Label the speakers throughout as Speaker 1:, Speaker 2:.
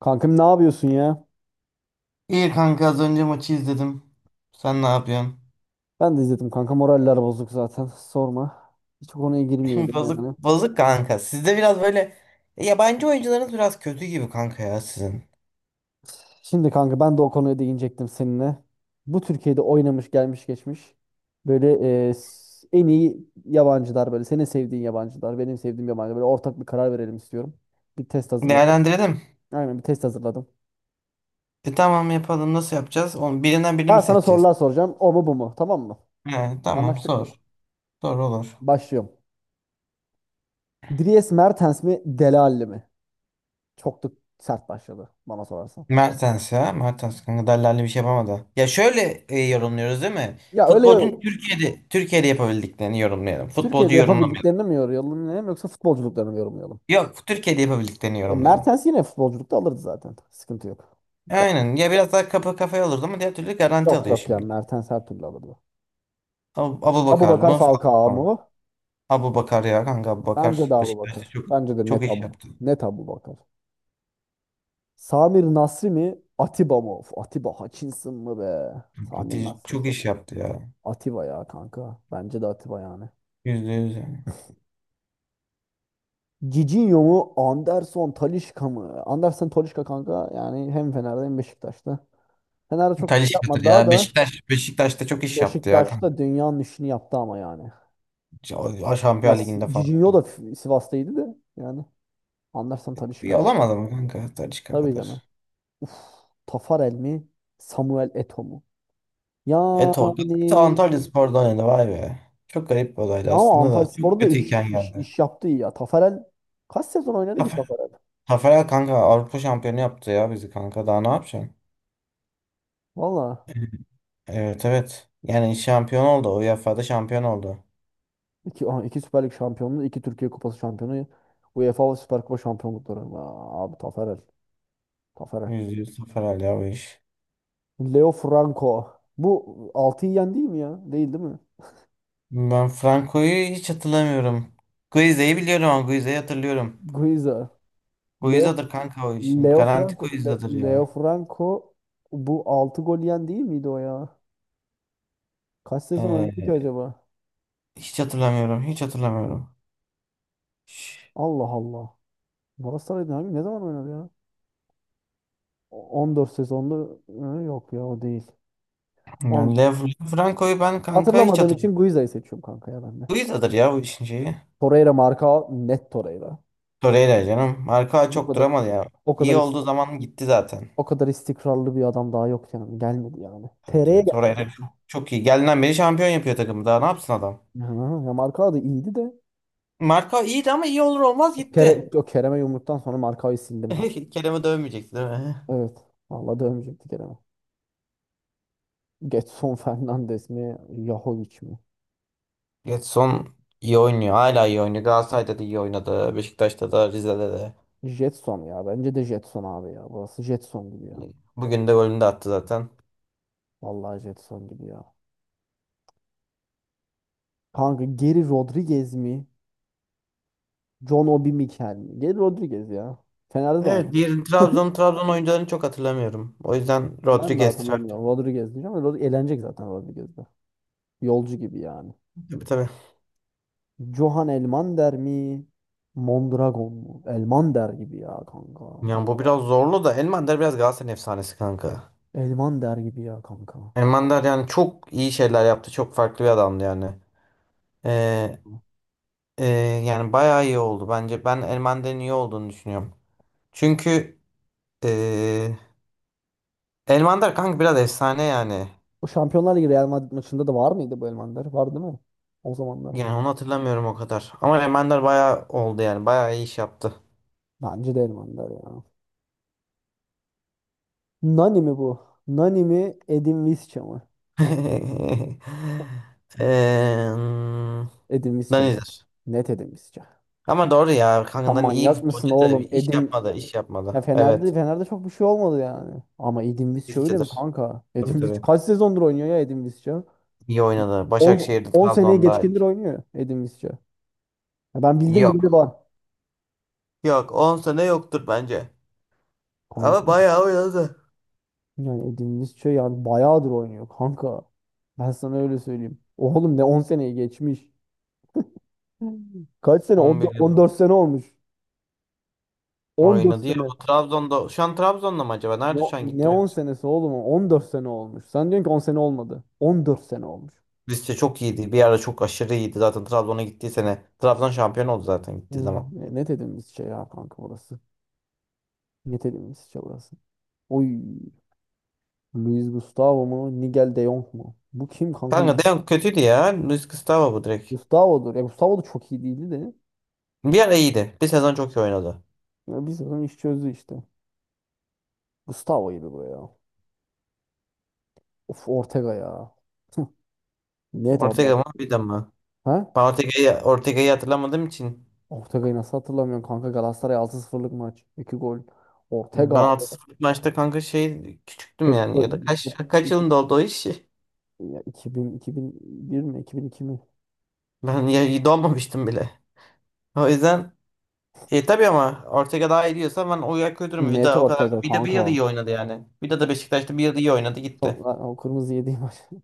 Speaker 1: Kankam ne yapıyorsun ya?
Speaker 2: İyi kanka az önce maçı izledim. Sen ne yapıyorsun?
Speaker 1: Ben de izledim kanka, moraller bozuk zaten, sorma. Hiç o konuya girmeyelim
Speaker 2: Bozuk,
Speaker 1: yani.
Speaker 2: bozuk kanka. Sizde biraz böyle. Yabancı oyuncularınız biraz kötü gibi kanka ya sizin.
Speaker 1: Şimdi kanka ben de o konuya değinecektim seninle. Bu Türkiye'de oynamış gelmiş geçmiş. Böyle en iyi yabancılar, böyle senin sevdiğin yabancılar, benim sevdiğim yabancılar, böyle ortak bir karar verelim istiyorum. Bir test hazırladım.
Speaker 2: Değerlendirelim.
Speaker 1: Aynen, bir test hazırladım.
Speaker 2: Tamam, yapalım. Nasıl yapacağız? Onu, birinden birini mi
Speaker 1: Ben sana
Speaker 2: seçeceğiz?
Speaker 1: sorular soracağım, o mu bu mu, tamam mı? Tamam.
Speaker 2: He, tamam,
Speaker 1: Anlaştık
Speaker 2: sor.
Speaker 1: mı?
Speaker 2: Sor, olur.
Speaker 1: Başlıyorum. Dries Mertens mi Dele Alli mi? Çok da sert başladı bana sorarsan.
Speaker 2: Mertens ya. Mertens kanka Daller'le bir şey yapamadı. Ya şöyle, yorumluyoruz değil mi?
Speaker 1: Ya, öyle öyle.
Speaker 2: Futbolcunun Türkiye'de yapabildiklerini yorumlayalım. Futbolcu
Speaker 1: Türkiye'de
Speaker 2: yorumlamayalım.
Speaker 1: yapabildiklerini mi yorumlayalım yoksa futbolculuklarını mı yorumlayalım?
Speaker 2: Yok, Türkiye'de yapabildiklerini
Speaker 1: E,
Speaker 2: yorumlayalım.
Speaker 1: Mertens yine futbolculukta alırdı zaten. Sıkıntı yok. Ta-
Speaker 2: Aynen. Ya biraz daha kapı kafaya olurdu ama diğer türlü garanti
Speaker 1: Yok
Speaker 2: alıyor
Speaker 1: yok, yani
Speaker 2: şimdi.
Speaker 1: Mertens her türlü alırdı.
Speaker 2: Abubakar
Speaker 1: Abubakar
Speaker 2: mı?
Speaker 1: Falcao
Speaker 2: Fatma
Speaker 1: mu?
Speaker 2: mı? Abubakar ya kanka,
Speaker 1: Bence
Speaker 2: Abubakar
Speaker 1: de
Speaker 2: Beşiktaş'ta
Speaker 1: Abubakar.
Speaker 2: çok
Speaker 1: Bence de
Speaker 2: çok
Speaker 1: net
Speaker 2: iş
Speaker 1: Abu.
Speaker 2: yaptı.
Speaker 1: Net Abubakar. Samir Nasri mi? Atiba mı? Of, Atiba Hutchinson mı be? Samir
Speaker 2: Fatih
Speaker 1: Nasri
Speaker 2: çok
Speaker 1: kim
Speaker 2: iş
Speaker 1: ya?
Speaker 2: yaptı ya.
Speaker 1: Atiba ya kanka. Bence de Atiba yani.
Speaker 2: %100 yani.
Speaker 1: Cicinho mu? Anderson Talisca mı? Anderson Talisca kanka, yani hem Fener'de hem Beşiktaş'ta. Fener'de çok bir şey
Speaker 2: Talisca'dır
Speaker 1: yapmadı, daha
Speaker 2: ya.
Speaker 1: da
Speaker 2: Beşiktaş'ta çok iş yaptı ya kanka.
Speaker 1: Beşiktaş'ta dünyanın işini yaptı ama yani.
Speaker 2: Ş-
Speaker 1: Ya
Speaker 2: Şampiyon Ligi'nde falan.
Speaker 1: Cicinho da Sivas'taydı da yani. Anlarsan Talisca
Speaker 2: İyi
Speaker 1: ya.
Speaker 2: olamadı mı kanka Talisca
Speaker 1: Tabii
Speaker 2: kadar?
Speaker 1: canım. Tafarel mi? Samuel Eto'o mu?
Speaker 2: Eto.
Speaker 1: Yani,
Speaker 2: Eto Antalyaspor'da oynadı, vay be. Çok garip bir olaydı
Speaker 1: ya ama
Speaker 2: aslında da. Çok
Speaker 1: Antalyaspor'da da iş,
Speaker 2: kötüyken
Speaker 1: iş,
Speaker 2: geldi.
Speaker 1: iş yaptı iyi ya. Tafarel kaç sezon oynadı ki
Speaker 2: Tafer.
Speaker 1: Tafarel?
Speaker 2: Taferel kanka Avrupa şampiyonu yaptı ya bizi kanka. Daha ne yapacaksın?
Speaker 1: Valla
Speaker 2: Evet, evet. Yani şampiyon oldu. UEFA'da şampiyon oldu.
Speaker 1: iki Süper Lig şampiyonluğu, 2 Türkiye Kupası şampiyonu, UEFA Süper Kupa şampiyonlukları. Aa, abi Tafarel. Tafarel.
Speaker 2: %100 sıfır, hala o iş.
Speaker 1: Leo Franco. Bu 6'yı yendi mi ya? Değil mi?
Speaker 2: Ben Franco'yu hiç hatırlamıyorum. Guize'yi biliyorum, ama Guize'yi hatırlıyorum.
Speaker 1: Guiza. Leo
Speaker 2: Guiza'dır kanka o işin.
Speaker 1: Leo
Speaker 2: Garanti
Speaker 1: Franco,
Speaker 2: Guiza'dır
Speaker 1: Leo
Speaker 2: ya.
Speaker 1: Franco, bu 6 gol yiyen değil miydi o ya? Kaç sezon oynadı
Speaker 2: He,
Speaker 1: ki acaba?
Speaker 2: hiç hatırlamıyorum. Hiç hatırlamıyorum. Şş,
Speaker 1: Allah Allah. Galatasaray'da ne zaman oynadı ya? 14 sezonda. Hı, yok ya, o değil. Allah.
Speaker 2: Yani Franco'yu ben kanka hiç
Speaker 1: Hatırlamadığım
Speaker 2: hatırlamıyorum.
Speaker 1: için Guiza'yı seçiyorum kanka ya, ben de.
Speaker 2: Guiza'dır ya bu işin şeyi.
Speaker 1: Torreira marka, net Torreira.
Speaker 2: Torreira canım. Arka
Speaker 1: Bu
Speaker 2: çok
Speaker 1: kadar
Speaker 2: duramadı ya.
Speaker 1: o
Speaker 2: İyi
Speaker 1: kadar is-
Speaker 2: olduğu zaman gitti zaten.
Speaker 1: o kadar istikrarlı bir adam daha yok yani. Gelmedi yani.
Speaker 2: Tabii,
Speaker 1: TR'ye
Speaker 2: tabii. Torreira
Speaker 1: gelmedi.
Speaker 2: çok, çok iyi. Geldiğinden beri şampiyon yapıyor takımı. Daha ne yapsın adam?
Speaker 1: Hı, ya marka da iyiydi de.
Speaker 2: Marka iyiydi, ama iyi olur olmaz gitti.
Speaker 1: O Kerem'e yumruktan sonra markayı sildim ha.
Speaker 2: Kerem'e dövmeyecekti değil mi?
Speaker 1: Evet. Vallahi dövmeyecekti Kerem'e. Getson Fernandes mi? Yahovic mi?
Speaker 2: Getson iyi oynuyor. Hala iyi oynuyor. Galatasaray'da da iyi oynadı. Beşiktaş'ta da, Rize'de de.
Speaker 1: Jetson ya. Bence de Jetson abi ya. Burası Jetson gibi ya.
Speaker 2: Bugün de golünü de attı zaten.
Speaker 1: Vallahi Jetson gibi ya. Kanka, Geri Rodriguez mi? John Obi Mikel mi? Geri Rodriguez ya. Fener'de de
Speaker 2: Evet,
Speaker 1: oynadı.
Speaker 2: diğer Trabzon oyuncularını çok hatırlamıyorum. O yüzden
Speaker 1: Ben de
Speaker 2: Rodriguez Trabzon.
Speaker 1: hatırlamıyorum. Rodriguez diyeceğim, ama Rod eğlenecek zaten Rodriguez'de. Yolcu gibi yani.
Speaker 2: Tabii, tabii.
Speaker 1: Johan Elmander mi? Mondragon mu? Elmander gibi ya kanka.
Speaker 2: Yani bu biraz zorlu da, Elmander biraz Galatasaray efsanesi kanka.
Speaker 1: Elmander gibi ya kanka.
Speaker 2: Elmander yani çok iyi şeyler yaptı. Çok farklı bir adamdı yani. Ee, e, Yani bayağı iyi oldu bence. Ben Elmander'in iyi olduğunu düşünüyorum. Çünkü ee, Elmander kanka biraz efsane yani.
Speaker 1: Bu Şampiyonlar Ligi Real Madrid maçında da var mıydı bu Elmander? Var, değil mi? O zamanlar.
Speaker 2: Yani onu hatırlamıyorum o kadar. Ama Remender bayağı oldu yani. Bayağı iyi iş yaptı.
Speaker 1: Bence de Elmander ya. Nani mi bu? Nani mi Edin Visca mı?
Speaker 2: Eee
Speaker 1: Edin Visca net.
Speaker 2: Danizer.
Speaker 1: Net Edin Visca.
Speaker 2: Ama doğru ya. Kanka
Speaker 1: Sen
Speaker 2: Dani iyi bir
Speaker 1: manyak mısın
Speaker 2: futbolcu da
Speaker 1: oğlum?
Speaker 2: iş
Speaker 1: Edin
Speaker 2: yapmadı. İş
Speaker 1: ya,
Speaker 2: yapmadı.
Speaker 1: Fener'de
Speaker 2: Evet.
Speaker 1: Fener'de çok bir şey olmadı yani. Ama Edin Visca öyle mi
Speaker 2: İşçidir.
Speaker 1: kanka?
Speaker 2: Tabii,
Speaker 1: Edin Visca
Speaker 2: tabii.
Speaker 1: kaç sezondur oynuyor ya, Edin Visca?
Speaker 2: İyi oynadı.
Speaker 1: On
Speaker 2: Başakşehir'de,
Speaker 1: On seneye
Speaker 2: Trabzon'da.
Speaker 1: geçkindir oynuyor Edin Visca. Ya ben bildim bildi
Speaker 2: Yok.
Speaker 1: var.
Speaker 2: Yok. 10 sene yoktur bence. Ama
Speaker 1: Kanka,
Speaker 2: bayağı oynadı.
Speaker 1: yani Edin Visca yani bayağıdır oynuyor kanka. Ben sana öyle söyleyeyim. Oğlum, ne 10 seneye geçmiş. Kaç sene?
Speaker 2: 11 yıl
Speaker 1: 14 sene olmuş. 14
Speaker 2: oynadı ya.
Speaker 1: sene.
Speaker 2: Bu Trabzon'da. Şu an Trabzon'da mı acaba?
Speaker 1: Ne,
Speaker 2: Nerede şu an
Speaker 1: ne
Speaker 2: gittim?
Speaker 1: 10 senesi oğlum? O? 14 sene olmuş. Sen diyorsun ki 10 sene olmadı. 14 sene olmuş.
Speaker 2: Rize çok iyiydi. Bir ara çok aşırı iyiydi. Zaten Trabzon'a gittiği sene. Trabzon şampiyon oldu zaten
Speaker 1: Hı,
Speaker 2: gittiği zaman.
Speaker 1: ne dediğimiz şey ya kanka burası. Ne dediğimiz şey burası. Oy. Luis Gustavo mu? Nigel de Jong mu? Bu kim kanka?
Speaker 2: Kanka Deon kötüydü ya. Luis Gustavo bu, direkt.
Speaker 1: Gustavo'dur. Ya Gustavo da çok iyi değildi de.
Speaker 2: Bir ara iyiydi. Bir sezon çok iyi oynadı.
Speaker 1: Ya biz zaten iş çözdü işte. Gustavo'ydu bu ya. Of, Ortega ya. Hı, net abi ya.
Speaker 2: Ortega mı bir de mi?
Speaker 1: Ha?
Speaker 2: Ben Ortega'yı hatırlamadığım için
Speaker 1: Ortega'yı nasıl hatırlamıyorum kanka? Galatasaray altı sıfırlık maç. 2 gol.
Speaker 2: ben
Speaker 1: Ortega.
Speaker 2: altı 0 maçta kanka şey küçüktüm
Speaker 1: Çö-
Speaker 2: yani, ya da kaç
Speaker 1: çö-
Speaker 2: kaç yılında oldu o iş?
Speaker 1: Ya 2000, 2001 mi? 2002 mi?
Speaker 2: Ben ya doğmamıştım bile. O yüzden tabii, ama Ortega daha iyi diyorsa ben o yer kötü mü?
Speaker 1: Net
Speaker 2: Vida o kadar
Speaker 1: Ortega
Speaker 2: Vida bir
Speaker 1: kanka.
Speaker 2: yıl iyi oynadı yani. Vida da Beşiktaş'ta bir yıl iyi oynadı, gitti.
Speaker 1: Sonra o kırmızı yediği maç.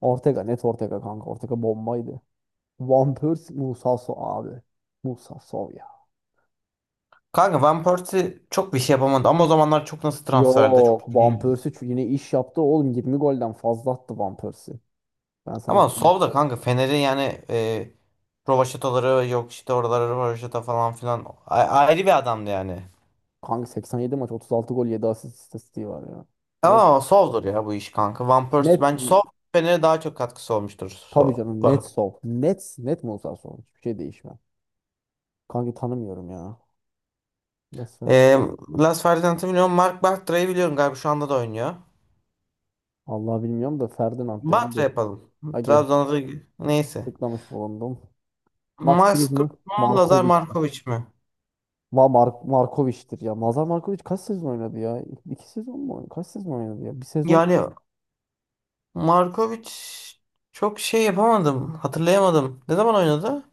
Speaker 1: Ortega, net Ortega kanka. Ortega bombaydı. Van Persie, Musa Sow abi. Musa Sow ya.
Speaker 2: Kanka Van Persie çok bir şey yapamadı, ama o zamanlar çok nasıl transferde çok.
Speaker 1: Yok Van
Speaker 2: Hmm.
Speaker 1: Persie, çünkü yine iş yaptı oğlum. 20 golden fazla attı Van Persie. Ben sana
Speaker 2: Ama Sol
Speaker 1: söyleyeyim.
Speaker 2: da kanka Fener'in yani, Rovaşatoları yok işte oraları, Rovaşata falan filan, ayrı bir adamdı yani.
Speaker 1: Kanka, 87 maç 36 gol 7 asist istatistiği var ya. Yok,
Speaker 2: Ama Sol'dur ya bu iş kanka. Van Persie
Speaker 1: net
Speaker 2: bence Sol Fener'e daha çok katkısı olmuştur.
Speaker 1: tabii
Speaker 2: Sol.
Speaker 1: canım, net Sow. Net Musa Sow. Hiçbir şey değişmez. Kanka, tanımıyorum ya. Resmen.
Speaker 2: E, Las Ferdinand'ı biliyorum. Mark Bartra'yı biliyorum galiba, şu anda da oynuyor.
Speaker 1: Allah, bilmiyorum da Ferdinand dedim
Speaker 2: Bartra
Speaker 1: geçtim.
Speaker 2: yapalım.
Speaker 1: Aga,
Speaker 2: Trabzon'da, neyse.
Speaker 1: tıklamış bulundum. Max
Speaker 2: Max
Speaker 1: Kruse mü?
Speaker 2: Kruse mu, Lazar
Speaker 1: Markovic mi?
Speaker 2: Markovic mi?
Speaker 1: Va Mar Markovic'tir ya. Mazar Markovic kaç sezon oynadı ya? 2 sezon mu oynadı? Kaç sezon oynadı ya? Bir sezon
Speaker 2: Yani Markovic çok şey yapamadım. Hatırlayamadım. Ne zaman oynadı?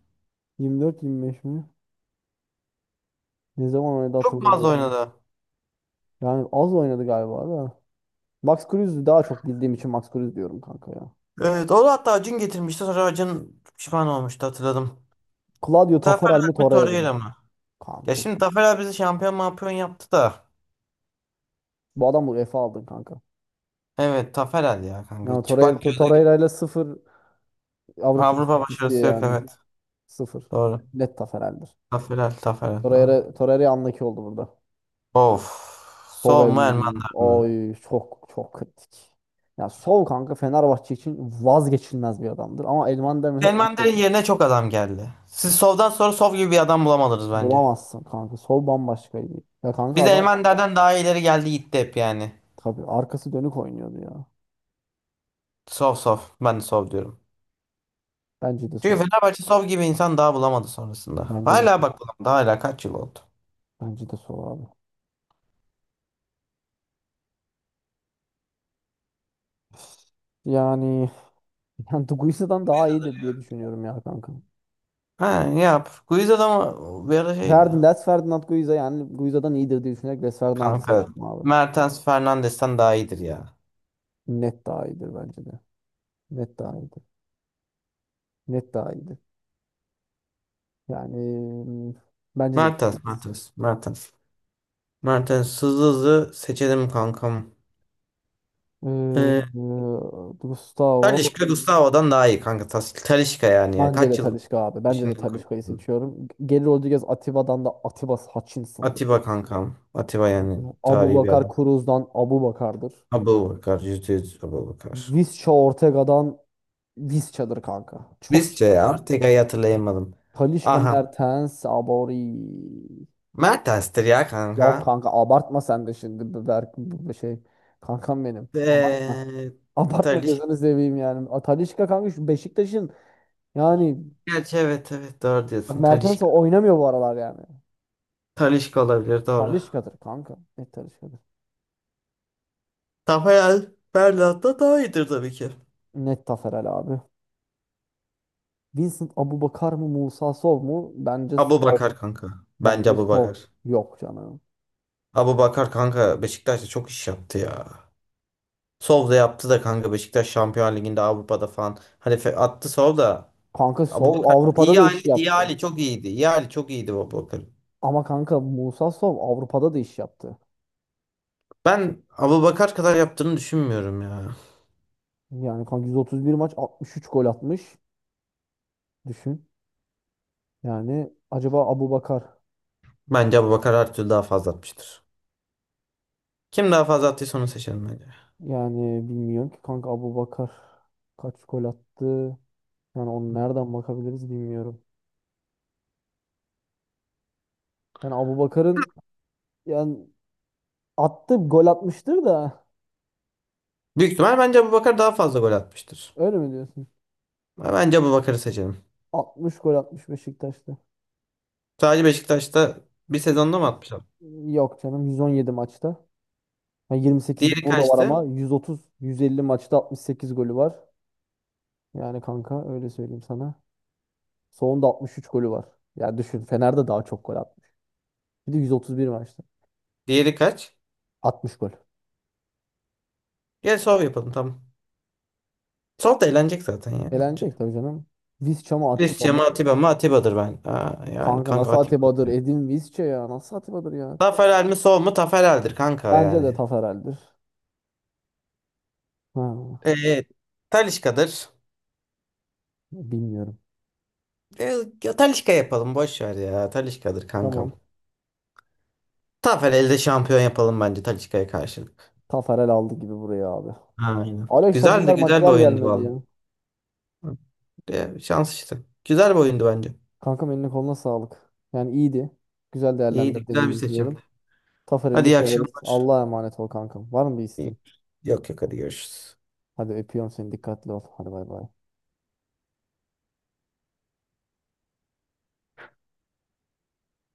Speaker 1: 24-25 mi? Ne zaman oynadı
Speaker 2: Çok fazla
Speaker 1: hatırlamıyorum.
Speaker 2: oynadı.
Speaker 1: Yani az oynadı galiba da. Max Kruse'ü daha çok bildiğim için Max Kruse diyorum kanka ya.
Speaker 2: Evet, o da hatta Acun getirmişti. Sonra Acun pişman olmuştu, hatırladım.
Speaker 1: Claudio Taffarel
Speaker 2: Taferel
Speaker 1: mi
Speaker 2: mi,
Speaker 1: Torreira mı?
Speaker 2: Torreira mı? Ya
Speaker 1: Kanka,
Speaker 2: şimdi
Speaker 1: şimdi.
Speaker 2: Taferel bizi şampiyon mampiyon yaptı da.
Speaker 1: Bu adam UEFA aldın kanka.
Speaker 2: Evet, Taferel ya
Speaker 1: Yani
Speaker 2: kanka.
Speaker 1: Torreira,
Speaker 2: Çıplak gözle
Speaker 1: Torreira ile sıfır Avrupa
Speaker 2: Avrupa
Speaker 1: istatistiği
Speaker 2: başarısı yok,
Speaker 1: yani.
Speaker 2: evet.
Speaker 1: Sıfır.
Speaker 2: Doğru.
Speaker 1: Net Taffarel'dir.
Speaker 2: Taferel, Taferel, doğru.
Speaker 1: Torreira anlaki oldu burada.
Speaker 2: Of. Sov mu,
Speaker 1: Sobel,
Speaker 2: Elmander mi?
Speaker 1: oy çok çok kritik. Ya Sol kanka Fenerbahçe için vazgeçilmez bir adamdır. Ama Elmander mesela
Speaker 2: Elmander'in yerine çok adam geldi. Siz Sov'dan sonra Sov gibi bir adam bulamadınız bence.
Speaker 1: bulamazsın kanka. Sol bambaşkaydı. Ya kanka
Speaker 2: Biz
Speaker 1: adam,
Speaker 2: Elmander'den daha ileri geldi gitti hep yani.
Speaker 1: tabii arkası dönük oynuyordu ya.
Speaker 2: Sov, sov. Ben de sov diyorum.
Speaker 1: Bence de
Speaker 2: Çünkü
Speaker 1: Sol.
Speaker 2: Fenerbahçe sov gibi insan daha bulamadı sonrasında.
Speaker 1: Bence de
Speaker 2: Hala bak, bulamadı. Hala kaç yıl oldu.
Speaker 1: bence de Sol abi. Yani, yani Guiza'dan daha
Speaker 2: Guiza'dır
Speaker 1: iyidir diye
Speaker 2: ya.
Speaker 1: düşünüyorum ya kanka.
Speaker 2: Ha, yap. Guiza da mı bir ara şeydi.
Speaker 1: Les Ferdinand Guiza, yani Guiza'dan iyidir diye düşünerek Les Ferdinand'ı
Speaker 2: Kanka.
Speaker 1: seçtim abi.
Speaker 2: Mertens Fernandes'ten daha iyidir ya.
Speaker 1: Net daha iyidir bence de. Net daha iyidir. Net daha iyiydi. Yani, bence de,
Speaker 2: Mertens,
Speaker 1: evet.
Speaker 2: Mertens, Mertens. Mertens hızlı hızlı seçelim kankam.
Speaker 1: Ee,
Speaker 2: Ee,
Speaker 1: Gustavo,
Speaker 2: Talisca Gustavo'dan daha iyi kanka. Talisca yani.
Speaker 1: bence de
Speaker 2: Kaç yıl
Speaker 1: Talisca abi. Bence de
Speaker 2: işinden
Speaker 1: Talisca'yı
Speaker 2: koydum.
Speaker 1: seçiyorum. Gelir Rodriguez Atiba'dan da, Atiba Hutchinson'dır.
Speaker 2: Atiba kankam. Atiba yani,
Speaker 1: Abu
Speaker 2: tarihi bir
Speaker 1: Bakar
Speaker 2: adam.
Speaker 1: Cruz'dan, Abu Bakar'dır.
Speaker 2: Abubakar, yüzde yüz Abubakar.
Speaker 1: Visca Ortega'dan, Visca'dır kanka. Çok iyi
Speaker 2: Visca
Speaker 1: ya.
Speaker 2: ya. Tek ayı hatırlayamadım.
Speaker 1: Talisca
Speaker 2: Aha.
Speaker 1: Mertens Abori.
Speaker 2: Mertens'tir ya
Speaker 1: Ya
Speaker 2: kanka.
Speaker 1: kanka abartma sen de şimdi. Bu Berk, bu şey. Kankam benim. Abartma.
Speaker 2: Eee
Speaker 1: Abartma
Speaker 2: Taliş.
Speaker 1: gözünü seveyim yani. A, Talisca kanka, şu Beşiktaş'ın. Yani
Speaker 2: Gerçi evet, evet, doğru
Speaker 1: bak,
Speaker 2: diyorsun.
Speaker 1: Mertens
Speaker 2: Talişka.
Speaker 1: oynamıyor bu aralar yani.
Speaker 2: Talişka olabilir, doğru.
Speaker 1: Talisca'dır kanka. Net Talisca'dır.
Speaker 2: Rafael Berlat da daha iyidir tabii ki.
Speaker 1: Net Taferel abi. Vincent Abubakar mı Musa Sol mu? Bence
Speaker 2: Abu
Speaker 1: Sol.
Speaker 2: Bakar kanka. Bence
Speaker 1: Bence
Speaker 2: Abu
Speaker 1: Sol.
Speaker 2: Bakar.
Speaker 1: Yok canım.
Speaker 2: Abu Bakar kanka Beşiktaş'ta çok iş yaptı ya. Sol da yaptı da kanka, Beşiktaş Şampiyon Ligi'nde, Avrupa'da falan. Hani, attı sol da.
Speaker 1: Kanka
Speaker 2: Abu
Speaker 1: Sol
Speaker 2: Bakar
Speaker 1: Avrupa'da
Speaker 2: iyi
Speaker 1: da
Speaker 2: hali
Speaker 1: iş
Speaker 2: iyi
Speaker 1: yaptı.
Speaker 2: hali çok iyiydi. İyi hali çok iyiydi Abu Bakar.
Speaker 1: Ama kanka Musa Sol Avrupa'da da iş yaptı.
Speaker 2: Ben Abubakar kadar yaptığını düşünmüyorum ya.
Speaker 1: Yani kanka 131 maç 63 gol atmış. Düşün. Yani acaba Abubakar,
Speaker 2: Bence Abubakar her türlü daha fazla atmıştır. Kim daha fazla attıysa onu seçelim bence.
Speaker 1: yani bilmiyorum ki kanka, Abubakar kaç gol attı? Yani onu nereden bakabiliriz bilmiyorum. Yani Abubakar'ın, yani attı, gol atmıştır da,
Speaker 2: Büyük ihtimal bence Abubakar daha fazla gol atmıştır.
Speaker 1: öyle mi diyorsun?
Speaker 2: Ama bence Abubakar'ı seçelim.
Speaker 1: 60 gol atmış Beşiktaş'ta.
Speaker 2: Sadece Beşiktaş'ta bir
Speaker 1: Sek-
Speaker 2: sezonda mı atmış abi?
Speaker 1: Yok canım, 117 maçta. Ha, 28'de
Speaker 2: Diğeri
Speaker 1: burada var
Speaker 2: kaçtı?
Speaker 1: ama 130 150 maçta 68 golü var. Yani kanka öyle söyleyeyim sana. Sonunda 63 golü var. Ya düşün, Fener'de daha çok gol atmış. Bir de 131 maçta
Speaker 2: Diğeri kaç?
Speaker 1: 60 gol.
Speaker 2: Gel sol yapalım, tamam. Sol da eğlenecek zaten ya, bence.
Speaker 1: Elenecek tabii canım. Visca mı Atiba
Speaker 2: Christian mı,
Speaker 1: mı?
Speaker 2: Atiba mı? Atiba'dır ben. Aa, yani
Speaker 1: Kanka,
Speaker 2: kanka
Speaker 1: nasıl
Speaker 2: Atiba.
Speaker 1: Atiba'dır? Edin Visca ya. Nasıl Atiba'dır ya?
Speaker 2: Taferel mi, sol mu? Taferel'dir kanka
Speaker 1: Bence de
Speaker 2: yani.
Speaker 1: Taferel'dir. Ha,
Speaker 2: Ee, Talisca'dır.
Speaker 1: bilmiyorum.
Speaker 2: E, Ya Talisca yapalım, boş ver ya. Talisca'dır kankam.
Speaker 1: Tamam.
Speaker 2: Taferel'de şampiyon yapalım bence Talisca'ya karşılık.
Speaker 1: Tafarel aldı gibi buraya abi.
Speaker 2: Aynen.
Speaker 1: Alex Hacılar
Speaker 2: Güzeldi, güzel bir
Speaker 1: Macılar
Speaker 2: oyundu
Speaker 1: gelmedi
Speaker 2: valla.
Speaker 1: ya.
Speaker 2: Şans işte. Güzel bir oyundu bence.
Speaker 1: Kankam, eline koluna sağlık. Yani iyiydi. Güzel
Speaker 2: İyiydi, güzel bir
Speaker 1: değerlendirdiğimizi
Speaker 2: seçimdi.
Speaker 1: düşünüyorum. Tafarel'i
Speaker 2: Hadi,
Speaker 1: de
Speaker 2: iyi
Speaker 1: severiz.
Speaker 2: akşamlar.
Speaker 1: Allah'a emanet ol kankam. Var mı bir
Speaker 2: İyi.
Speaker 1: isteğin?
Speaker 2: Yok, yok, hadi görüşürüz.
Speaker 1: Hadi, öpüyorum seni. Dikkatli ol. Hadi bay bay.